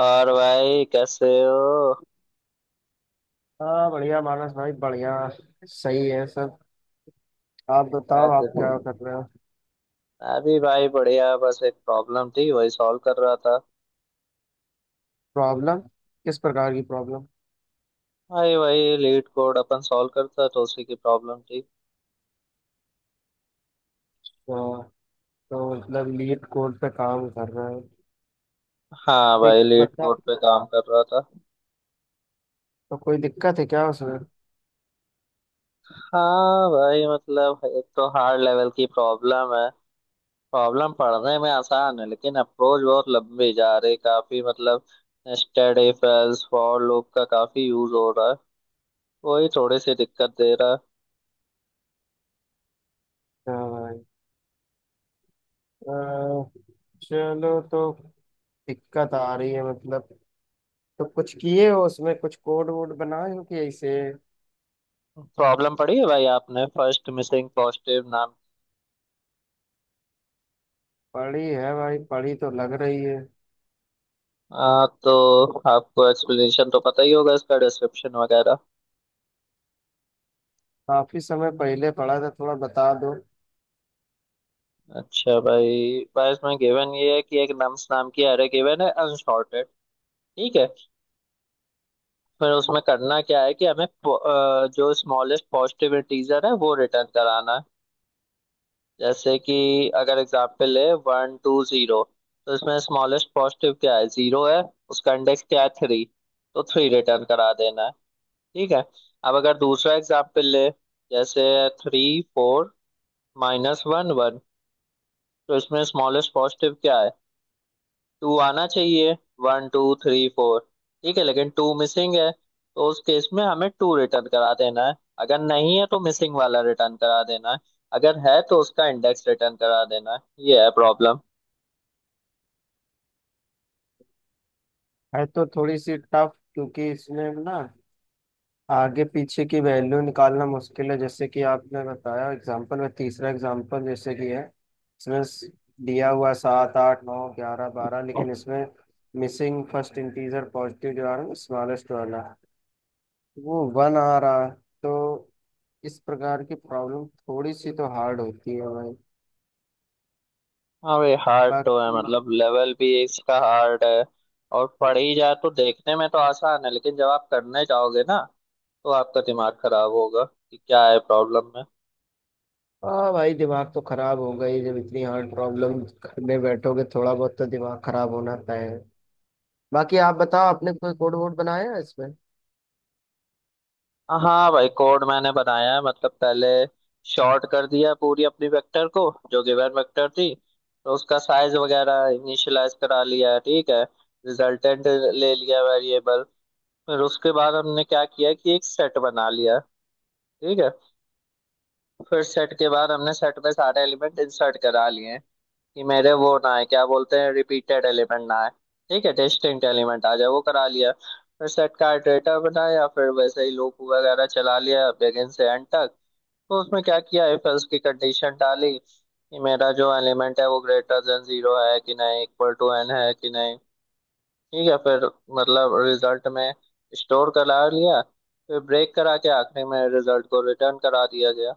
और भाई कैसे हो हाँ बढ़िया मानस भाई बढ़िया। सही है सब। आप क्या बताओ कर आप रहे हो? क्या कर रहे हो। मैं भी भाई बढ़िया, बस एक प्रॉब्लम थी वही सॉल्व कर रहा था। प्रॉब्लम। किस प्रकार की प्रॉब्लम। भाई वही लीड कोड अपन सॉल्व करता तो उसी की प्रॉब्लम थी। तो, तो मतलब लीड कोड पे काम कर रहे हो। हाँ दिक भाई, लीड बता, कोड पे काम कर रहा था। तो कोई दिक्कत है क्या उसमें। हाँ भाई, मतलब एक तो हार्ड लेवल की प्रॉब्लम है। प्रॉब्लम पढ़ने में आसान है लेकिन अप्रोच बहुत लंबी जा रही, काफी मतलब nested if else for loop का काफी यूज हो रहा है। वही थोड़ी सी दिक्कत दे रहा है। हाँ भाई। अ, चलो, तो दिक्कत आ रही है मतलब। तो कुछ किए हो उसमें, कुछ कोड वोड बनाए हो कि ऐसे। प्रॉब्लम पड़ी है भाई, आपने फर्स्ट मिसिंग पॉजिटिव नाम। पढ़ी है भाई, पढ़ी तो लग रही है। तो आपको एक्सप्लेनेशन तो पता ही होगा, इसका डिस्क्रिप्शन वगैरह। काफी समय पहले पढ़ा था, थोड़ा बता दो। अच्छा भाई, भाई इसमें गिवन ये है कि एक नम्स नाम की एरे गिवन है अनसॉर्टेड। ठीक है। फिर उसमें करना क्या है कि हमें जो स्मॉलेस्ट पॉजिटिव इंटीजर है वो रिटर्न कराना है। जैसे कि अगर एग्जाम्पल है वन टू जीरो, तो इसमें स्मॉलेस्ट पॉजिटिव क्या है, जीरो है। उसका इंडेक्स क्या है, थ्री। तो थ्री रिटर्न करा देना है। ठीक है। अब अगर दूसरा एग्जाम्पल ले, जैसे three, four, minus one, one. तो इसमें स्मॉलेस्ट पॉजिटिव क्या है, टू आना चाहिए। वन टू थ्री फोर, ठीक है, लेकिन टू मिसिंग है, तो उस केस में हमें टू रिटर्न करा देना है। अगर नहीं है तो मिसिंग वाला रिटर्न करा देना है, अगर है तो उसका इंडेक्स रिटर्न करा देना है। ये है प्रॉब्लम। है तो थोड़ी सी टफ, क्योंकि इसमें ना आगे पीछे की वैल्यू निकालना मुश्किल है। जैसे कि आपने बताया एग्जांपल में, तीसरा एग्जांपल जैसे कि है, इसमें दिया हुआ है सात आठ नौ 11 12, लेकिन इसमें मिसिंग फर्स्ट इंटीजर पॉजिटिव जो आ रहा है स्मॉलेस्ट वाला, वो वन आ रहा है। तो इस प्रकार की प्रॉब्लम थोड़ी सी तो हार्ड होती है भाई। हाँ भाई, हार्ड तो है, बाकी, मतलब लेवल भी इसका हार्ड है। और पढ़ ही जाए तो देखने में तो आसान है, लेकिन जब आप करने जाओगे ना, तो आपका दिमाग खराब होगा कि क्या है प्रॉब्लम में। हाँ भाई दिमाग तो खराब होगा ही, जब इतनी हार्ड प्रॉब्लम में बैठोगे थोड़ा बहुत तो दिमाग खराब होना तय है। बाकी आप बताओ, आपने कोई कोड वोड बनाया है इसमें। हाँ हाँ भाई, कोड मैंने बनाया है। मतलब पहले शॉर्ट कर दिया पूरी अपनी वेक्टर को, जो गिवन वेक्टर थी। तो उसका साइज वगैरह इनिशियलाइज करा लिया है, ठीक है। रिजल्टेंट ले लिया वेरिएबल। फिर उसके बाद हमने क्या किया कि एक सेट बना लिया, ठीक है। फिर सेट के बाद हमने सेट में सारे एलिमेंट इंसर्ट करा लिए, कि मेरे वो ना है क्या बोलते हैं, रिपीटेड एलिमेंट ना है। ठीक है, डिस्टिंक्ट एलिमेंट आ जाए, वो करा लिया। फिर सेट का इटरेटर बनाया, फिर वैसे ही लूप वगैरह चला लिया बिगिन से एंड तक। तो उसमें क्या किया, इफ एल्स की कंडीशन डाली कि मेरा जो एलिमेंट है वो ग्रेटर देन जीरो है कि नहीं, इक्वल टू एन है कि नहीं। ठीक है, फिर मतलब रिजल्ट में स्टोर करा लिया, फिर ब्रेक करा के आखिरी में रिजल्ट को रिटर्न करा दिया गया।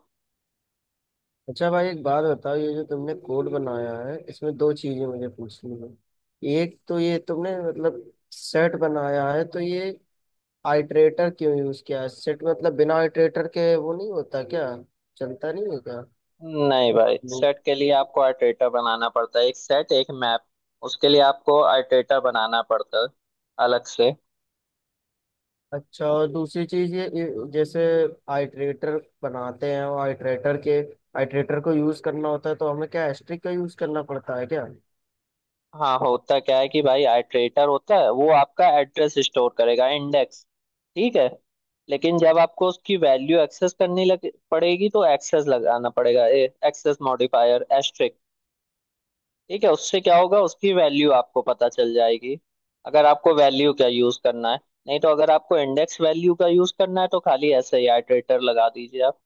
अच्छा भाई एक बात बताओ, ये जो तुमने कोड बनाया है इसमें दो चीजें मुझे पूछनी है। एक तो ये तुमने मतलब सेट बनाया है, तो ये आइटरेटर क्यों यूज किया है सेट मतलब? बिना आइटरेटर के वो नहीं होता क्या, चलता नहीं है क्या? नहीं भाई, लूप। सेट के लिए आपको आर्टेटा बनाना पड़ता है, एक सेट एक मैप उसके लिए आपको आर्टेटा बनाना पड़ता है अलग से। अच्छा, और दूसरी चीज, ये जैसे आइटरेटर बनाते हैं, और आइटरेटर को यूज करना होता है तो हमें क्या एस्ट्रिक का यूज करना पड़ता है क्या? हाँ, होता क्या है कि भाई आर्टेटर होता है वो आपका एड्रेस स्टोर करेगा, इंडेक्स। ठीक है, लेकिन जब आपको उसकी वैल्यू एक्सेस करनी लग पड़ेगी, तो एक्सेस लगाना पड़ेगा, एक्सेस मॉडिफायर। ठीक है, उससे क्या होगा उसकी वैल्यू आपको पता चल जाएगी, अगर आपको वैल्यू का यूज करना है। नहीं तो अगर आपको इंडेक्स वैल्यू का यूज करना है, तो खाली ऐसे ही आइटरेटर लगा दीजिए आप।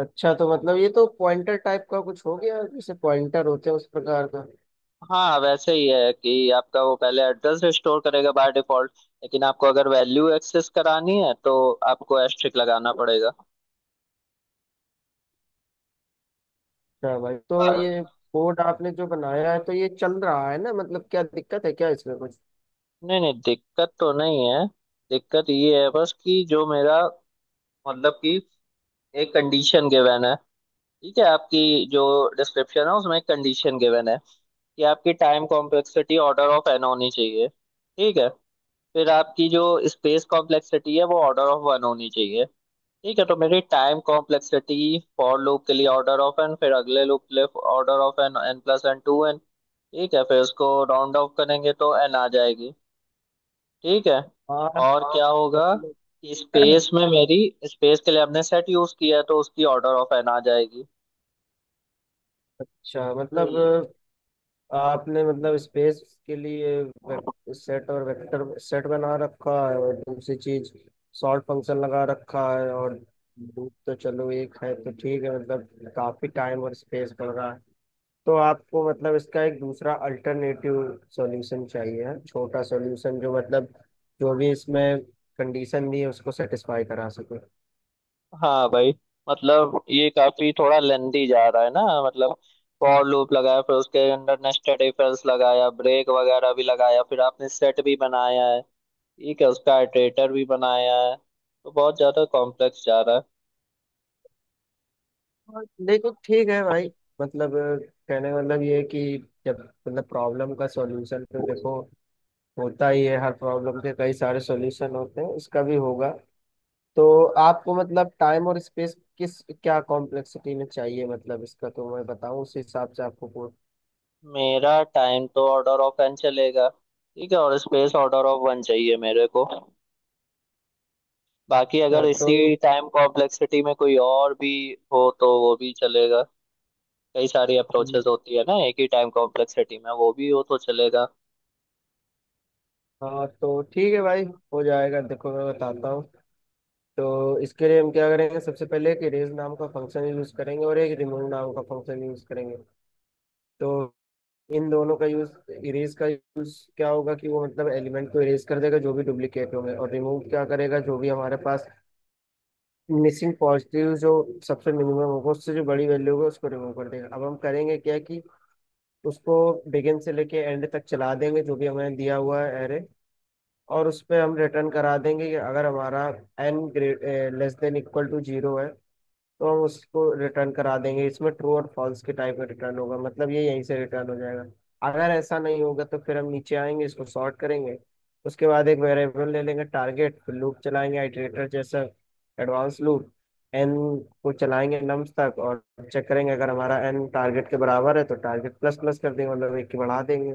अच्छा, तो मतलब ये तो पॉइंटर टाइप का कुछ हो गया, जैसे पॉइंटर होते हैं उस प्रकार का। हाँ वैसे ही है कि आपका वो पहले एड्रेस स्टोर करेगा बाय डिफॉल्ट, लेकिन आपको अगर वैल्यू एक्सेस करानी है तो आपको एस्ट्रिक लगाना पड़ेगा। अच्छा भाई, तो नहीं, ये कोड आपने जो बनाया है तो ये चल रहा है ना, मतलब क्या दिक्कत है क्या इसमें कुछ? नहीं दिक्कत तो नहीं है। दिक्कत ये है बस, कि जो मेरा मतलब कि एक कंडीशन गिवन है, ठीक है आपकी, जो डिस्क्रिप्शन है उसमें एक कंडीशन गिवन है कि आपकी time complexity order of N होनी चाहिए, ठीक है। फिर आपकी जो स्पेस कॉम्प्लेक्सिटी है वो ऑर्डर ऑफ वन होनी चाहिए। ठीक है, तो मेरी टाइम कॉम्प्लेक्सिटी फॉर लूप के लिए ऑर्डर ऑफ एन, फिर अगले लूप के लिए order of N, N plus N two N, ठीक है, फिर उसको राउंड ऑफ करेंगे तो एन आ जाएगी। ठीक है, हाँ और क्या होगा मतलब, कि अच्छा, स्पेस में मेरी स्पेस के लिए आपने सेट यूज किया है, तो उसकी ऑर्डर ऑफ एन आ जाएगी। तो मतलब आपने मतलब स्पेस के लिए सेट और वेक्टर सेट बना रखा है, और दूसरी चीज सॉर्ट फंक्शन लगा रखा है, और लूप तो चलो एक है तो ठीक है, मतलब काफी टाइम और स्पेस पड़ रहा है। तो आपको मतलब इसका एक दूसरा अल्टरनेटिव सॉल्यूशन चाहिए है, छोटा सॉल्यूशन, जो मतलब जो भी इसमें कंडीशन दी है उसको सेटिस्फाई करा सके। हाँ भाई, मतलब ये काफी थोड़ा लेंदी जा रहा है ना, मतलब फॉर लूप लगाया, फिर उसके अंदर नेस्टेड इफ एल्स लगाया, ब्रेक वगैरह भी लगाया, फिर आपने सेट भी बनाया है। ठीक है, उसका इटरेटर भी बनाया है, तो बहुत ज्यादा कॉम्प्लेक्स जा रहा है। और देखो ठीक है भाई, मतलब कहने का मतलब ये है कि जब मतलब प्रॉब्लम का सॉल्यूशन, तो देखो होता ही है, हर प्रॉब्लम के कई सारे सॉल्यूशन होते हैं, इसका भी होगा। तो आपको मतलब टाइम और स्पेस किस, क्या कॉम्प्लेक्सिटी में चाहिए मतलब इसका, तो मैं बताऊं उस हिसाब से आपको मेरा टाइम तो ऑर्डर ऑफ एन चलेगा, ठीक है, और स्पेस ऑर्डर ऑफ वन चाहिए मेरे को। बाकी अगर तो इसी टाइम कॉम्प्लेक्सिटी में कोई और भी हो तो वो भी चलेगा। कई सारी अप्रोचेस होती है ना, एक ही टाइम कॉम्प्लेक्सिटी में वो भी हो तो चलेगा। हाँ, तो ठीक है भाई, हो जाएगा। देखो मैं बताता हूँ। तो इसके लिए हम क्या करेंगे, सबसे पहले एक इरेज नाम का फंक्शन यूज करेंगे और एक रिमूव नाम का फंक्शन यूज करेंगे। तो इन दोनों का यूज, इरेज का यूज क्या होगा कि वो मतलब एलिमेंट को इरेज कर देगा जो भी डुप्लीकेट होंगे, और रिमूव क्या करेगा, जो भी हमारे पास मिसिंग पॉजिटिव जो सबसे मिनिमम होगा उससे जो बड़ी वैल्यू होगी उसको रिमूव कर देगा। अब हम करेंगे क्या कि उसको बिगिन से लेके एंड तक चला देंगे, जो भी हमें दिया हुआ है एरे, और उस पे हम रिटर्न करा देंगे कि अगर हमारा N great less than equal to zero है तो हम उसको रिटर्न करा देंगे। इसमें ट्रू और फॉल्स के टाइप में रिटर्न होगा, मतलब ये यहीं से रिटर्न हो जाएगा। अगर ऐसा नहीं होगा तो फिर हम नीचे आएंगे, इसको सॉर्ट करेंगे। उसके बाद एक वेरिएबल ले लेंगे टारगेट, फिर लूप चलाएंगे आइटरेटर जैसा, एडवांस लूप, एन को चलाएंगे नम्स तक, और चेक करेंगे अगर हमारा एन टारगेट के बराबर है तो टारगेट प्लस प्लस कर देंगे, मतलब एक की बढ़ा देंगे।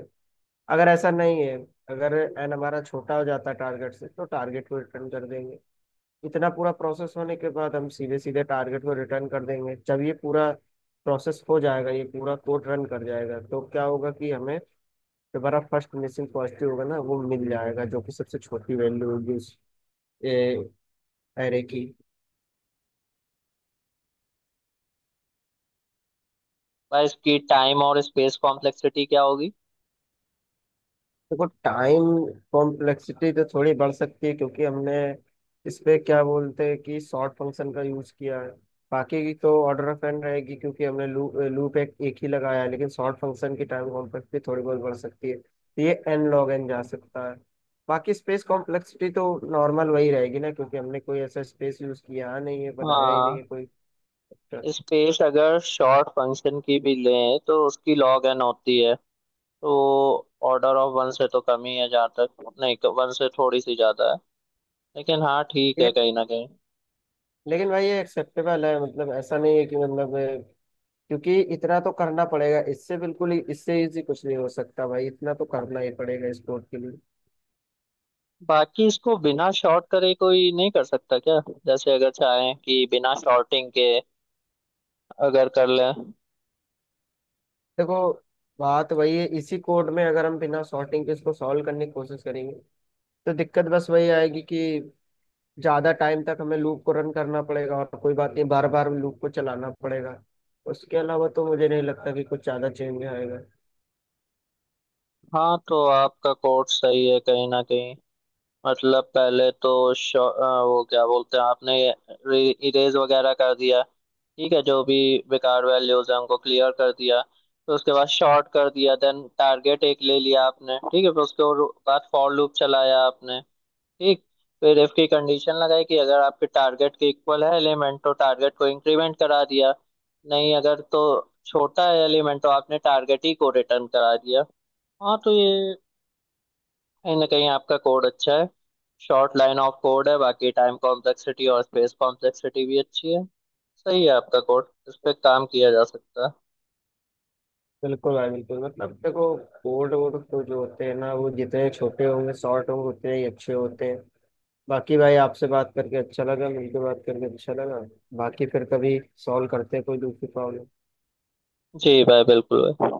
अगर ऐसा नहीं है, अगर एन हमारा छोटा हो जाता है टारगेट से, तो टारगेट को रिटर्न कर देंगे। इतना पूरा प्रोसेस होने के बाद हम सीधे सीधे टारगेट को रिटर्न कर देंगे। जब ये पूरा प्रोसेस हो जाएगा, ये पूरा कोड रन कर जाएगा, तो क्या होगा कि हमें दोबारा फर्स्ट मिसिंग पॉजिटिव होगा ना, वो मिल जाएगा, जो कि सबसे छोटी वैल्यू होगी उस एरे की। भाई, इसकी टाइम और स्पेस कॉम्प्लेक्सिटी क्या होगी? देखो टाइम कॉम्प्लेक्सिटी तो थोड़ी बढ़ सकती है, क्योंकि हमने इस पे क्या बोलते हैं कि सॉर्ट फंक्शन का यूज किया है। बाकी की तो ऑर्डर ऑफ एन रहेगी, क्योंकि हमने लूप लूप एक, एक ही लगाया है, लेकिन सॉर्ट फंक्शन की टाइम कॉम्प्लेक्सिटी थोड़ी बहुत बढ़ सकती है, तो ये एन लॉग एन जा सकता है। बाकी स्पेस कॉम्प्लेक्सिटी तो नॉर्मल वही रहेगी ना, क्योंकि हमने कोई ऐसा स्पेस यूज किया नहीं है, बनाया ही नहीं हाँ, है कोई। स्पेस अगर शॉर्ट फंक्शन की भी लें तो उसकी लॉग एन होती है, तो ऑर्डर ऑफ वन से तो कम ही है, जहाँ तक नहीं, वन से थोड़ी सी ज्यादा है। लेकिन हाँ ठीक है, लेकिन कहीं ना कहीं। लेकिन भाई ये एक्सेप्टेबल है, मतलब ऐसा नहीं है कि मतलब, क्योंकि इतना तो करना पड़ेगा, इससे बिल्कुल ही, इससे इजी कुछ नहीं हो सकता भाई, इतना तो करना ही पड़ेगा इस कोड के लिए। बाकी इसको बिना शॉर्ट करे कोई नहीं कर सकता क्या? जैसे अगर चाहें कि बिना शॉर्टिंग के अगर कर लें। देखो बात वही है, इसी कोड में अगर हम बिना सॉर्टिंग के इसको सॉल्व करने की कोशिश करेंगे तो दिक्कत बस वही आएगी कि ज्यादा टाइम तक हमें लूप को रन करना पड़ेगा, और कोई बात नहीं बार बार लूप को चलाना पड़ेगा। उसके अलावा तो मुझे नहीं लगता कि कुछ ज्यादा चेंज आएगा। हाँ तो आपका कोड सही है, कहीं ना कहीं। मतलब पहले तो वो क्या बोलते हैं, आपने इरेज वगैरह कर दिया। ठीक है, जो भी बेकार वैल्यूज है उनको क्लियर कर दिया, फिर उसके बाद शॉर्ट कर दिया, देन टारगेट एक ले लिया आपने, ठीक है, फिर बाद फॉर लूप चलाया आपने, ठीक। फिर इफ की कंडीशन लगाई कि अगर आपके टारगेट के इक्वल है एलिमेंट तो टारगेट को इंक्रीमेंट करा दिया, नहीं अगर तो छोटा है एलिमेंट तो आपने टारगेट ही को रिटर्न करा दिया। हाँ तो ये, कहीं ना कहीं आपका कोड अच्छा है, शॉर्ट लाइन ऑफ कोड है, बाकी टाइम कॉम्प्लेक्सिटी और स्पेस कॉम्प्लेक्सिटी भी अच्छी है। सही है, आपका कोड इस पे काम किया जा सकता है। बिल्कुल भाई बिल्कुल, मतलब देखो कोड वोड तो जो होते हैं ना वो जितने छोटे होंगे, शॉर्ट होंगे, उतने ही अच्छे होते हैं। बाकी भाई आपसे बात करके अच्छा लगा, मिलके बात करके अच्छा लगा। बाकी फिर कभी सॉल्व करते हैं कोई दूसरी प्रॉब्लम। जी भाई, बिल्कुल भाई।